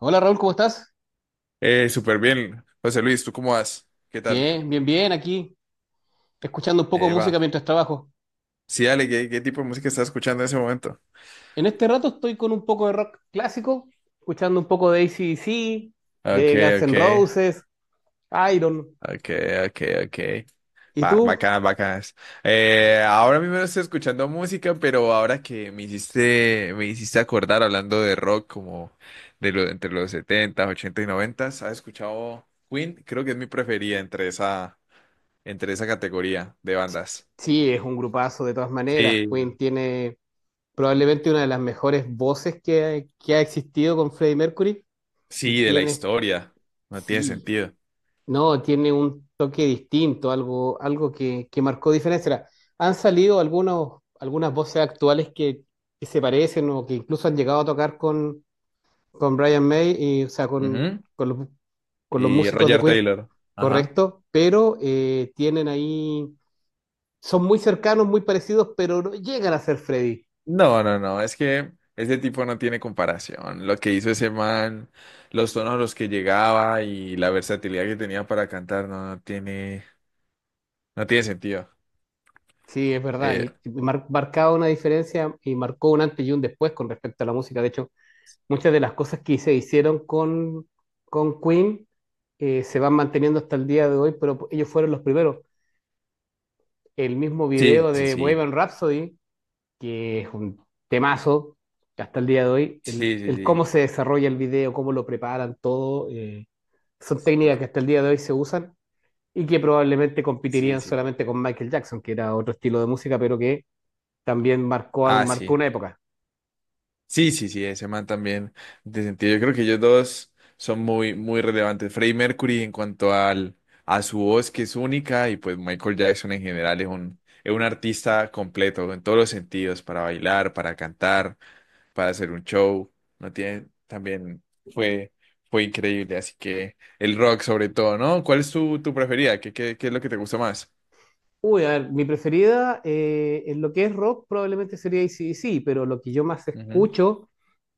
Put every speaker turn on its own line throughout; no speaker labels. Hola Raúl, ¿cómo estás?
Súper bien. José Luis, ¿tú cómo vas? ¿Qué tal?
Bien, bien, bien, aquí escuchando un poco de música
Eva.
mientras trabajo.
Sí, dale, ¿qué tipo de música estás escuchando en ese momento?
En este rato estoy con un poco de rock clásico, escuchando un poco de AC/DC,
Ok,
de Guns
ok,
N' Roses, Iron.
ok, ok, ok.
¿Y tú?
Bacanas, bacanas. Ahora mismo no estoy escuchando música, pero ahora que me hiciste acordar hablando de rock como entre los 70s y 90, ¿has escuchado Queen? Creo que es mi preferida entre esa categoría de bandas.
Sí, es un grupazo de todas maneras.
Sí.
Queen tiene probablemente una de las mejores voces que ha existido con Freddie Mercury y
Sí, de la
tiene,
historia. No tiene
sí,
sentido.
no, tiene un toque distinto, algo, algo que marcó diferencia. Ahora, han salido algunos, algunas voces actuales que se parecen o que incluso han llegado a tocar con Brian May, y, o sea,
Ujú.
con los, con los
Y
músicos de
Roger
Queen,
Taylor. Ajá.
correcto, pero tienen ahí, son muy cercanos, muy parecidos, pero no llegan a ser Freddy.
No, no, no, es que ese tipo no tiene comparación. Lo que hizo ese man, los tonos a los que llegaba y la versatilidad que tenía para cantar no, no tiene sentido.
Sí, es verdad,
Eh,
y marcaba una diferencia y marcó un antes y un después con respecto a la música. De hecho, muchas de las cosas que se hicieron con Queen se van manteniendo hasta el día de hoy, pero ellos fueron los primeros. El mismo
sí,
video
sí,
de
sí,
Bohemian Rhapsody, que es un temazo hasta el día de hoy, el,
sí,
el
sí,
cómo se desarrolla el video, cómo lo preparan, todo, son
sí,
técnicas que hasta el día de hoy se usan y que probablemente
sí,
competirían
sí, sí, sí.
solamente con Michael Jackson, que era otro estilo de música, pero que también marcó,
Ah,
marcó
sí.
una época.
Sí, sí, sí, ese man también de sentido. Yo creo que ellos dos son muy, muy relevantes. Freddie Mercury en cuanto a su voz, que es única, y pues Michael Jackson en general es un, artista completo en todos los sentidos, para bailar, para cantar, para hacer un show. No tiene, también fue, fue increíble. Así que el rock sobre todo, ¿no? ¿Cuál es tu preferida? ¿Qué es lo que te gusta más?
Uy, a ver, mi preferida en lo que es rock probablemente sería AC pero lo que yo más
Ujú,
escucho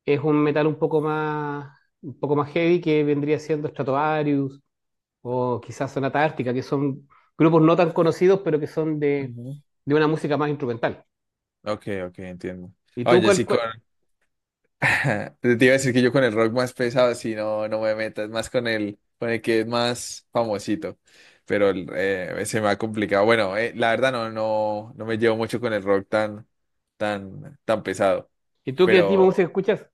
es un metal un poco más heavy que vendría siendo Stratovarius o quizás Sonata Ártica, que son grupos no tan conocidos, pero que son de,
ujú.
de una música más instrumental.
Ok, ok, entiendo.
¿Y tú
Oye,
cuál,
sí,
cuál-
te iba a decir que yo con el rock más pesado, si no, no me meto, es más con el que es más famosito, pero se me ha complicado. Bueno, la verdad no, no, no me llevo mucho con el rock tan, tan, tan pesado,
¿Y tú qué tipo de música
pero,
escuchas?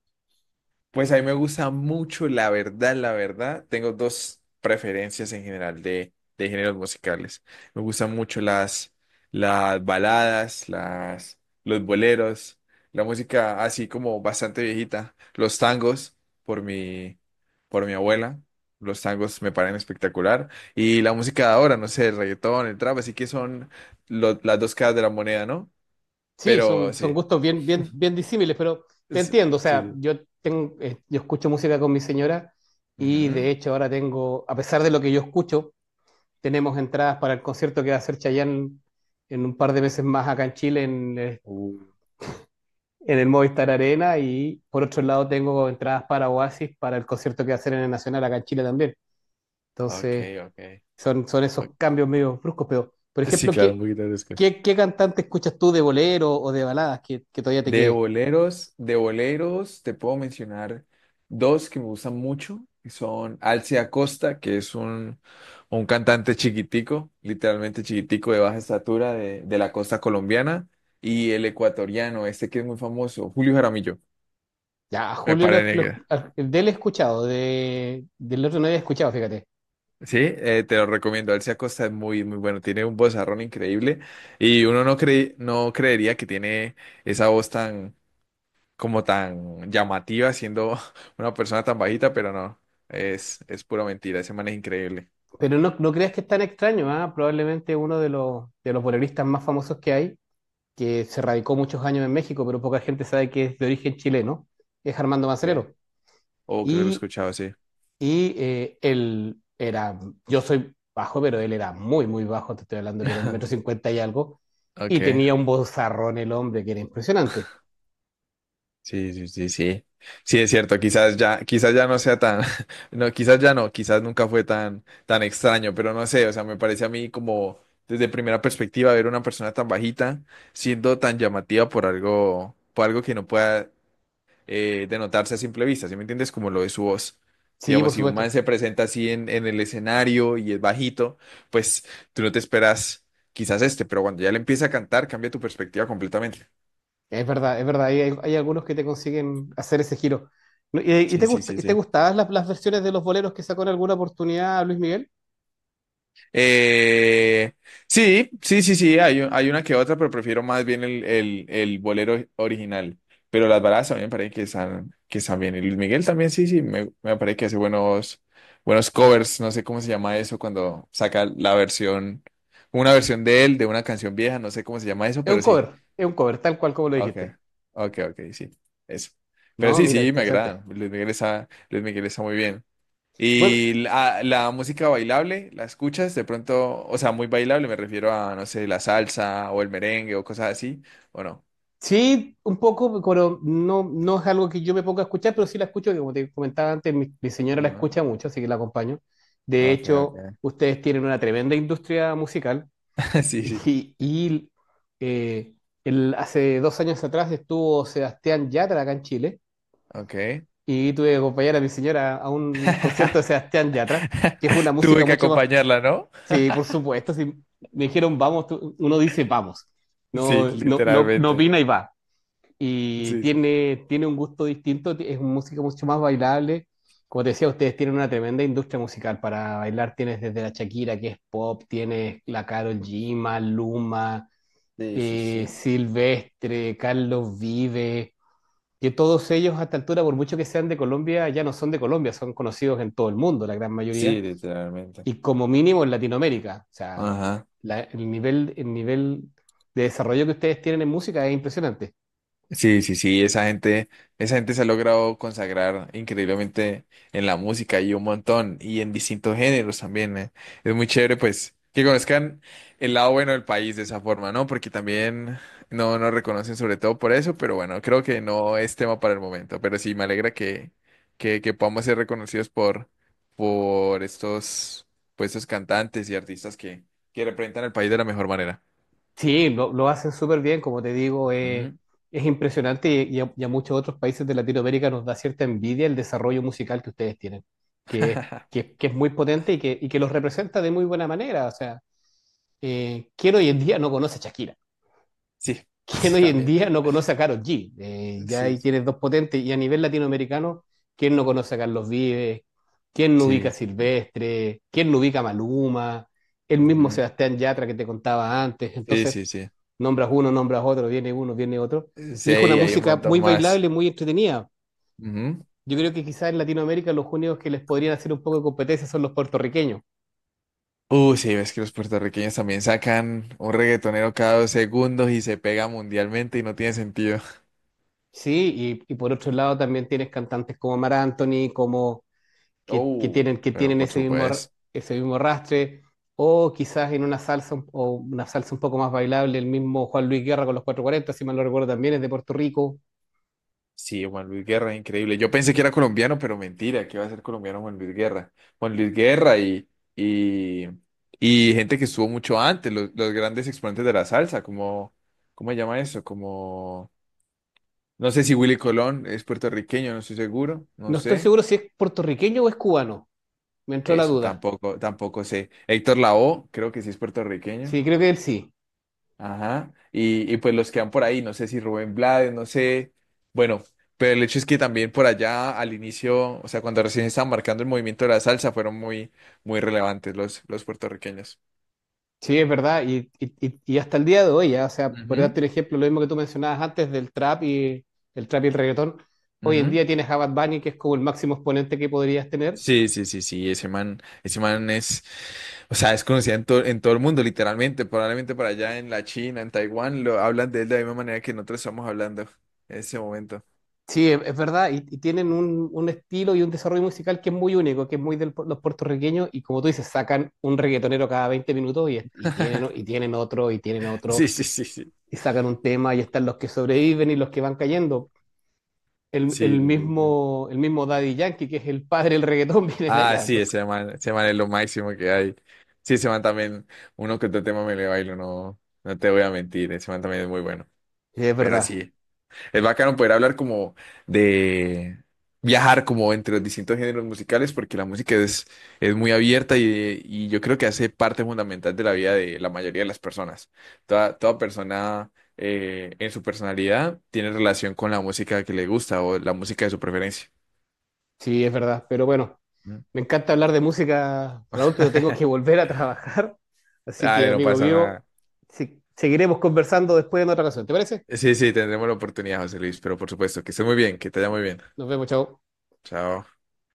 pues a mí me gusta mucho, la verdad, la verdad. Tengo dos preferencias en general de géneros musicales. Me gustan mucho las baladas, los boleros, la música así como bastante viejita, los tangos por mi, por mi abuela. Los tangos me parecen espectacular. Y la música de ahora, no sé, el reggaetón, el trap, así que son las dos caras de la moneda, ¿no?
Sí,
Pero
son
sí.
gustos bien, bien, bien disímiles, pero te
es-
entiendo. O
Sí,
sea,
sí.
yo escucho música con mi señora y
Ujú.
de hecho ahora tengo, a pesar de lo que yo escucho, tenemos entradas para el concierto que va a hacer Chayanne en un par de meses más acá en Chile
Uh,
en el Movistar Arena y por otro lado tengo entradas para Oasis para el concierto que va a hacer en el Nacional acá en Chile también.
Ok,
Entonces
ok.
son
Ok.
esos cambios medio bruscos, pero por
Sí,
ejemplo,
claro, un
¿qué,
poquito de descanso.
qué, qué cantante escuchas tú de bolero o de baladas que todavía te
De
quede?
boleros, de boleros, te puedo mencionar dos que me gustan mucho, que son Alce Acosta, que es un cantante chiquitico, literalmente chiquitico de baja estatura de la costa colombiana, y el ecuatoriano, este que es muy famoso, Julio Jaramillo.
Ya,
Me
Julio,
parece.
de él he escuchado, del otro no había escuchado, fíjate.
Sí, te lo recomiendo. Alcia Acosta es muy, muy bueno. Tiene un vozarrón increíble y uno no cree, no creería que tiene esa voz tan como tan llamativa siendo una persona tan bajita, pero no, es pura mentira, ese man es increíble.
Pero no, no creas que es tan extraño, ¿ah? Probablemente uno de los boleristas más famosos que hay, que se radicó muchos años en México, pero poca gente sabe que es de origen chileno, es Armando
¿Qué?
Manzanero.
Oh, creo que lo he
Y,
escuchado, sí.
él era, yo soy bajo, pero él era muy, muy bajo, te estoy hablando que era un metro cincuenta y algo,
Ok,
y tenía un bozarrón el hombre que era impresionante.
sí, sí, sí, sí. Sí, es cierto, quizás ya no sea tan, no, quizás ya no, quizás nunca fue tan, tan extraño, pero no sé, o sea, me parece a mí como desde primera perspectiva ver una persona tan bajita siendo tan llamativa por algo que no pueda de notarse a simple vista, ¿sí me entiendes? Como lo de su voz.
Sí, por
Digamos, si un man
supuesto,
se presenta así en el escenario y es bajito, pues tú no te esperas quizás este, pero cuando ya le empieza a cantar, cambia tu perspectiva completamente.
es verdad, hay algunos que te consiguen hacer ese giro. No, ¿Y, y
Sí,
te,
sí,
gust-
sí,
y te
sí.
gustaban las versiones de los boleros que sacó en alguna oportunidad Luis Miguel?
Eh, sí, sí, sí, sí, hay una que otra, pero prefiero más bien el, bolero original. Pero las baladas también me parece que están bien. Y Luis Miguel también, sí, sí, me parece que hace buenos covers. No sé cómo se llama eso cuando saca la versión, una versión de él, de una canción vieja, no sé cómo se llama eso, pero sí.
Es un cover, tal cual como lo
Ok,
dijiste.
ok, ok, sí, eso. Pero
No,
sí,
mira,
sí, me
interesante.
agrada. Luis Miguel está muy bien.
Bueno,
Y la música bailable, ¿la escuchas? De pronto, o sea, muy bailable, me refiero a, no sé, la salsa o el merengue o cosas así, ¿o no?
sí, un poco, pero no es algo que yo me ponga a escuchar, pero sí la escucho, que como te comentaba antes, mi señora la
Ajá.
escucha mucho, así que la acompaño. De
Ok,
hecho,
ok.
ustedes tienen una tremenda industria musical
Sí, sí,
y, eh, hace 2 años atrás estuvo Sebastián Yatra acá en Chile
ok.
y tuve que acompañar a mi señora a un concierto de Sebastián Yatra, que es una música
Tuve que
mucho más...
acompañarla, ¿no?
Sí, por supuesto, si me dijeron vamos, uno dice vamos,
Sí,
no
literalmente.
opina y va y
Sí, sí.
tiene un gusto distinto, es una música mucho más bailable. Como te decía, ustedes tienen una tremenda industria musical para bailar. Tienes desde la Shakira, que es pop, tienes la Karol G, Maluma,
Sí, sí, sí.
Silvestre, Carlos Vive, que todos ellos a esta altura, por mucho que sean de Colombia, ya no son de Colombia, son conocidos en todo el mundo, la gran mayoría,
Sí, literalmente.
y como mínimo en Latinoamérica. O sea,
Ajá.
el nivel de desarrollo que ustedes tienen en música es impresionante.
Sí, sí, sí, esa gente se ha logrado consagrar increíblemente en la música y un montón, y en distintos géneros también. Es muy chévere, pues, que conozcan el lado bueno del país de esa forma, ¿no? Porque también no nos reconocen sobre todo por eso, pero bueno, creo que no es tema para el momento. Pero sí, me alegra que, podamos ser reconocidos por estos, por estos cantantes y artistas que representan el país de la mejor manera.
Sí, lo hacen súper bien, como te digo,
Ujú.
es impresionante y, y a muchos otros países de Latinoamérica nos da cierta envidia el desarrollo musical que ustedes tienen, que es, que es muy potente y que los representa de muy buena manera. O sea, ¿quién hoy en día no conoce a Shakira?
Sí,
¿Quién hoy en
también.
día no conoce a Karol G? Ya
Sí,
ahí
sí.
tienes dos potentes. Y a nivel latinoamericano, ¿quién no conoce a Carlos Vives? ¿Quién no ubica
Sí,
a
sí, sí.
Silvestre? ¿Quién no ubica a Maluma? El mismo
Ujú.
Sebastián Yatra que te contaba antes.
Sí,
Entonces,
sí, sí.
nombras uno, nombras otro, viene uno, viene otro.
Sí,
Y es una
hay un
música
montón
muy
más.
bailable, muy entretenida.
Ujú.
Yo creo que quizás en Latinoamérica los únicos que les podrían hacer un poco de competencia son los puertorriqueños.
Sí, ves que los puertorriqueños también sacan un reggaetonero cada 2 segundos y se pega mundialmente y no tiene sentido.
Sí, y por otro lado también tienes cantantes como Mar Anthony, como que, que
Oh,
tienen, que
pero
tienen
por
ese mismo, r-
supuesto.
ese mismo rastre, o quizás en una salsa o una salsa un poco más bailable, el mismo Juan Luis Guerra con los cuatro cuarenta si mal no recuerdo también, es de Puerto Rico.
Sí, Juan Luis Guerra, increíble. Yo pensé que era colombiano, pero mentira, que va a ser colombiano Juan Luis Guerra. Juan Luis Guerra y, y, y, gente que estuvo mucho antes, los grandes exponentes de la salsa, ¿cómo se llama eso? Como No sé si Willy Colón es puertorriqueño, no estoy seguro, no
No estoy
sé.
seguro si es puertorriqueño o es cubano, me entró la
Eso
duda.
tampoco, tampoco sé. Héctor Lavoe, creo que sí es puertorriqueño.
Sí, creo que él sí.
Ajá. Y pues los que van por ahí, no sé si Rubén Blades, no sé. Bueno, pero el hecho es que también por allá al inicio, o sea, cuando recién estaban marcando el movimiento de la salsa, fueron muy, muy relevantes los puertorriqueños.
Sí, es verdad, y hasta el día de hoy, ya, o sea, por
Ujú,
darte un ejemplo, lo mismo que tú mencionabas antes del trap y el reggaetón, hoy en
ujú.
día tienes a Bad Bunny, que es como el máximo exponente que podrías tener.
Sí, sí, sí, sí, ese man o sea, es conocido en todo el mundo, literalmente, probablemente para allá en la China, en Taiwán, lo hablan de él de la misma manera que nosotros estamos hablando en ese momento.
Sí, es verdad, y tienen un estilo y un desarrollo musical que es muy único, que es muy de los puertorriqueños, y como tú dices, sacan un reggaetonero cada 20 minutos y, y tienen otro, y tienen otro,
Sí, sí, sí, sí,
y sacan un tema, y están los que sobreviven y los que van cayendo. El,
sí,
el
sí, sí, sí.
mismo, el mismo Daddy Yankee, que es el padre del reggaetón, viene de
Ah,
allá,
sí,
entonces.
ese man es lo máximo que hay. Sí, ese man también, uno que otro tema me le bailo, no te voy a mentir, ese man también es muy bueno,
Sí, es
pero
verdad,
sí. Es bacano poder hablar como de viajar como entre los distintos géneros musicales porque la música es muy abierta y yo creo que hace parte fundamental de la vida de la mayoría de las personas. Toda persona en su personalidad tiene relación con la música que le gusta o la música de su preferencia.
sí, es verdad, pero bueno,
¿Mm?
me encanta hablar de música, Raúl, pero tengo que volver a trabajar, así
Dale,
que
no
amigo
pasa
vivo
nada.
seguiremos conversando después en otra ocasión, ¿te parece?
Sí, sí, tendremos la oportunidad, José Luis, pero por supuesto, que esté muy bien, que te vaya muy bien.
Nos vemos, chao.
Chao.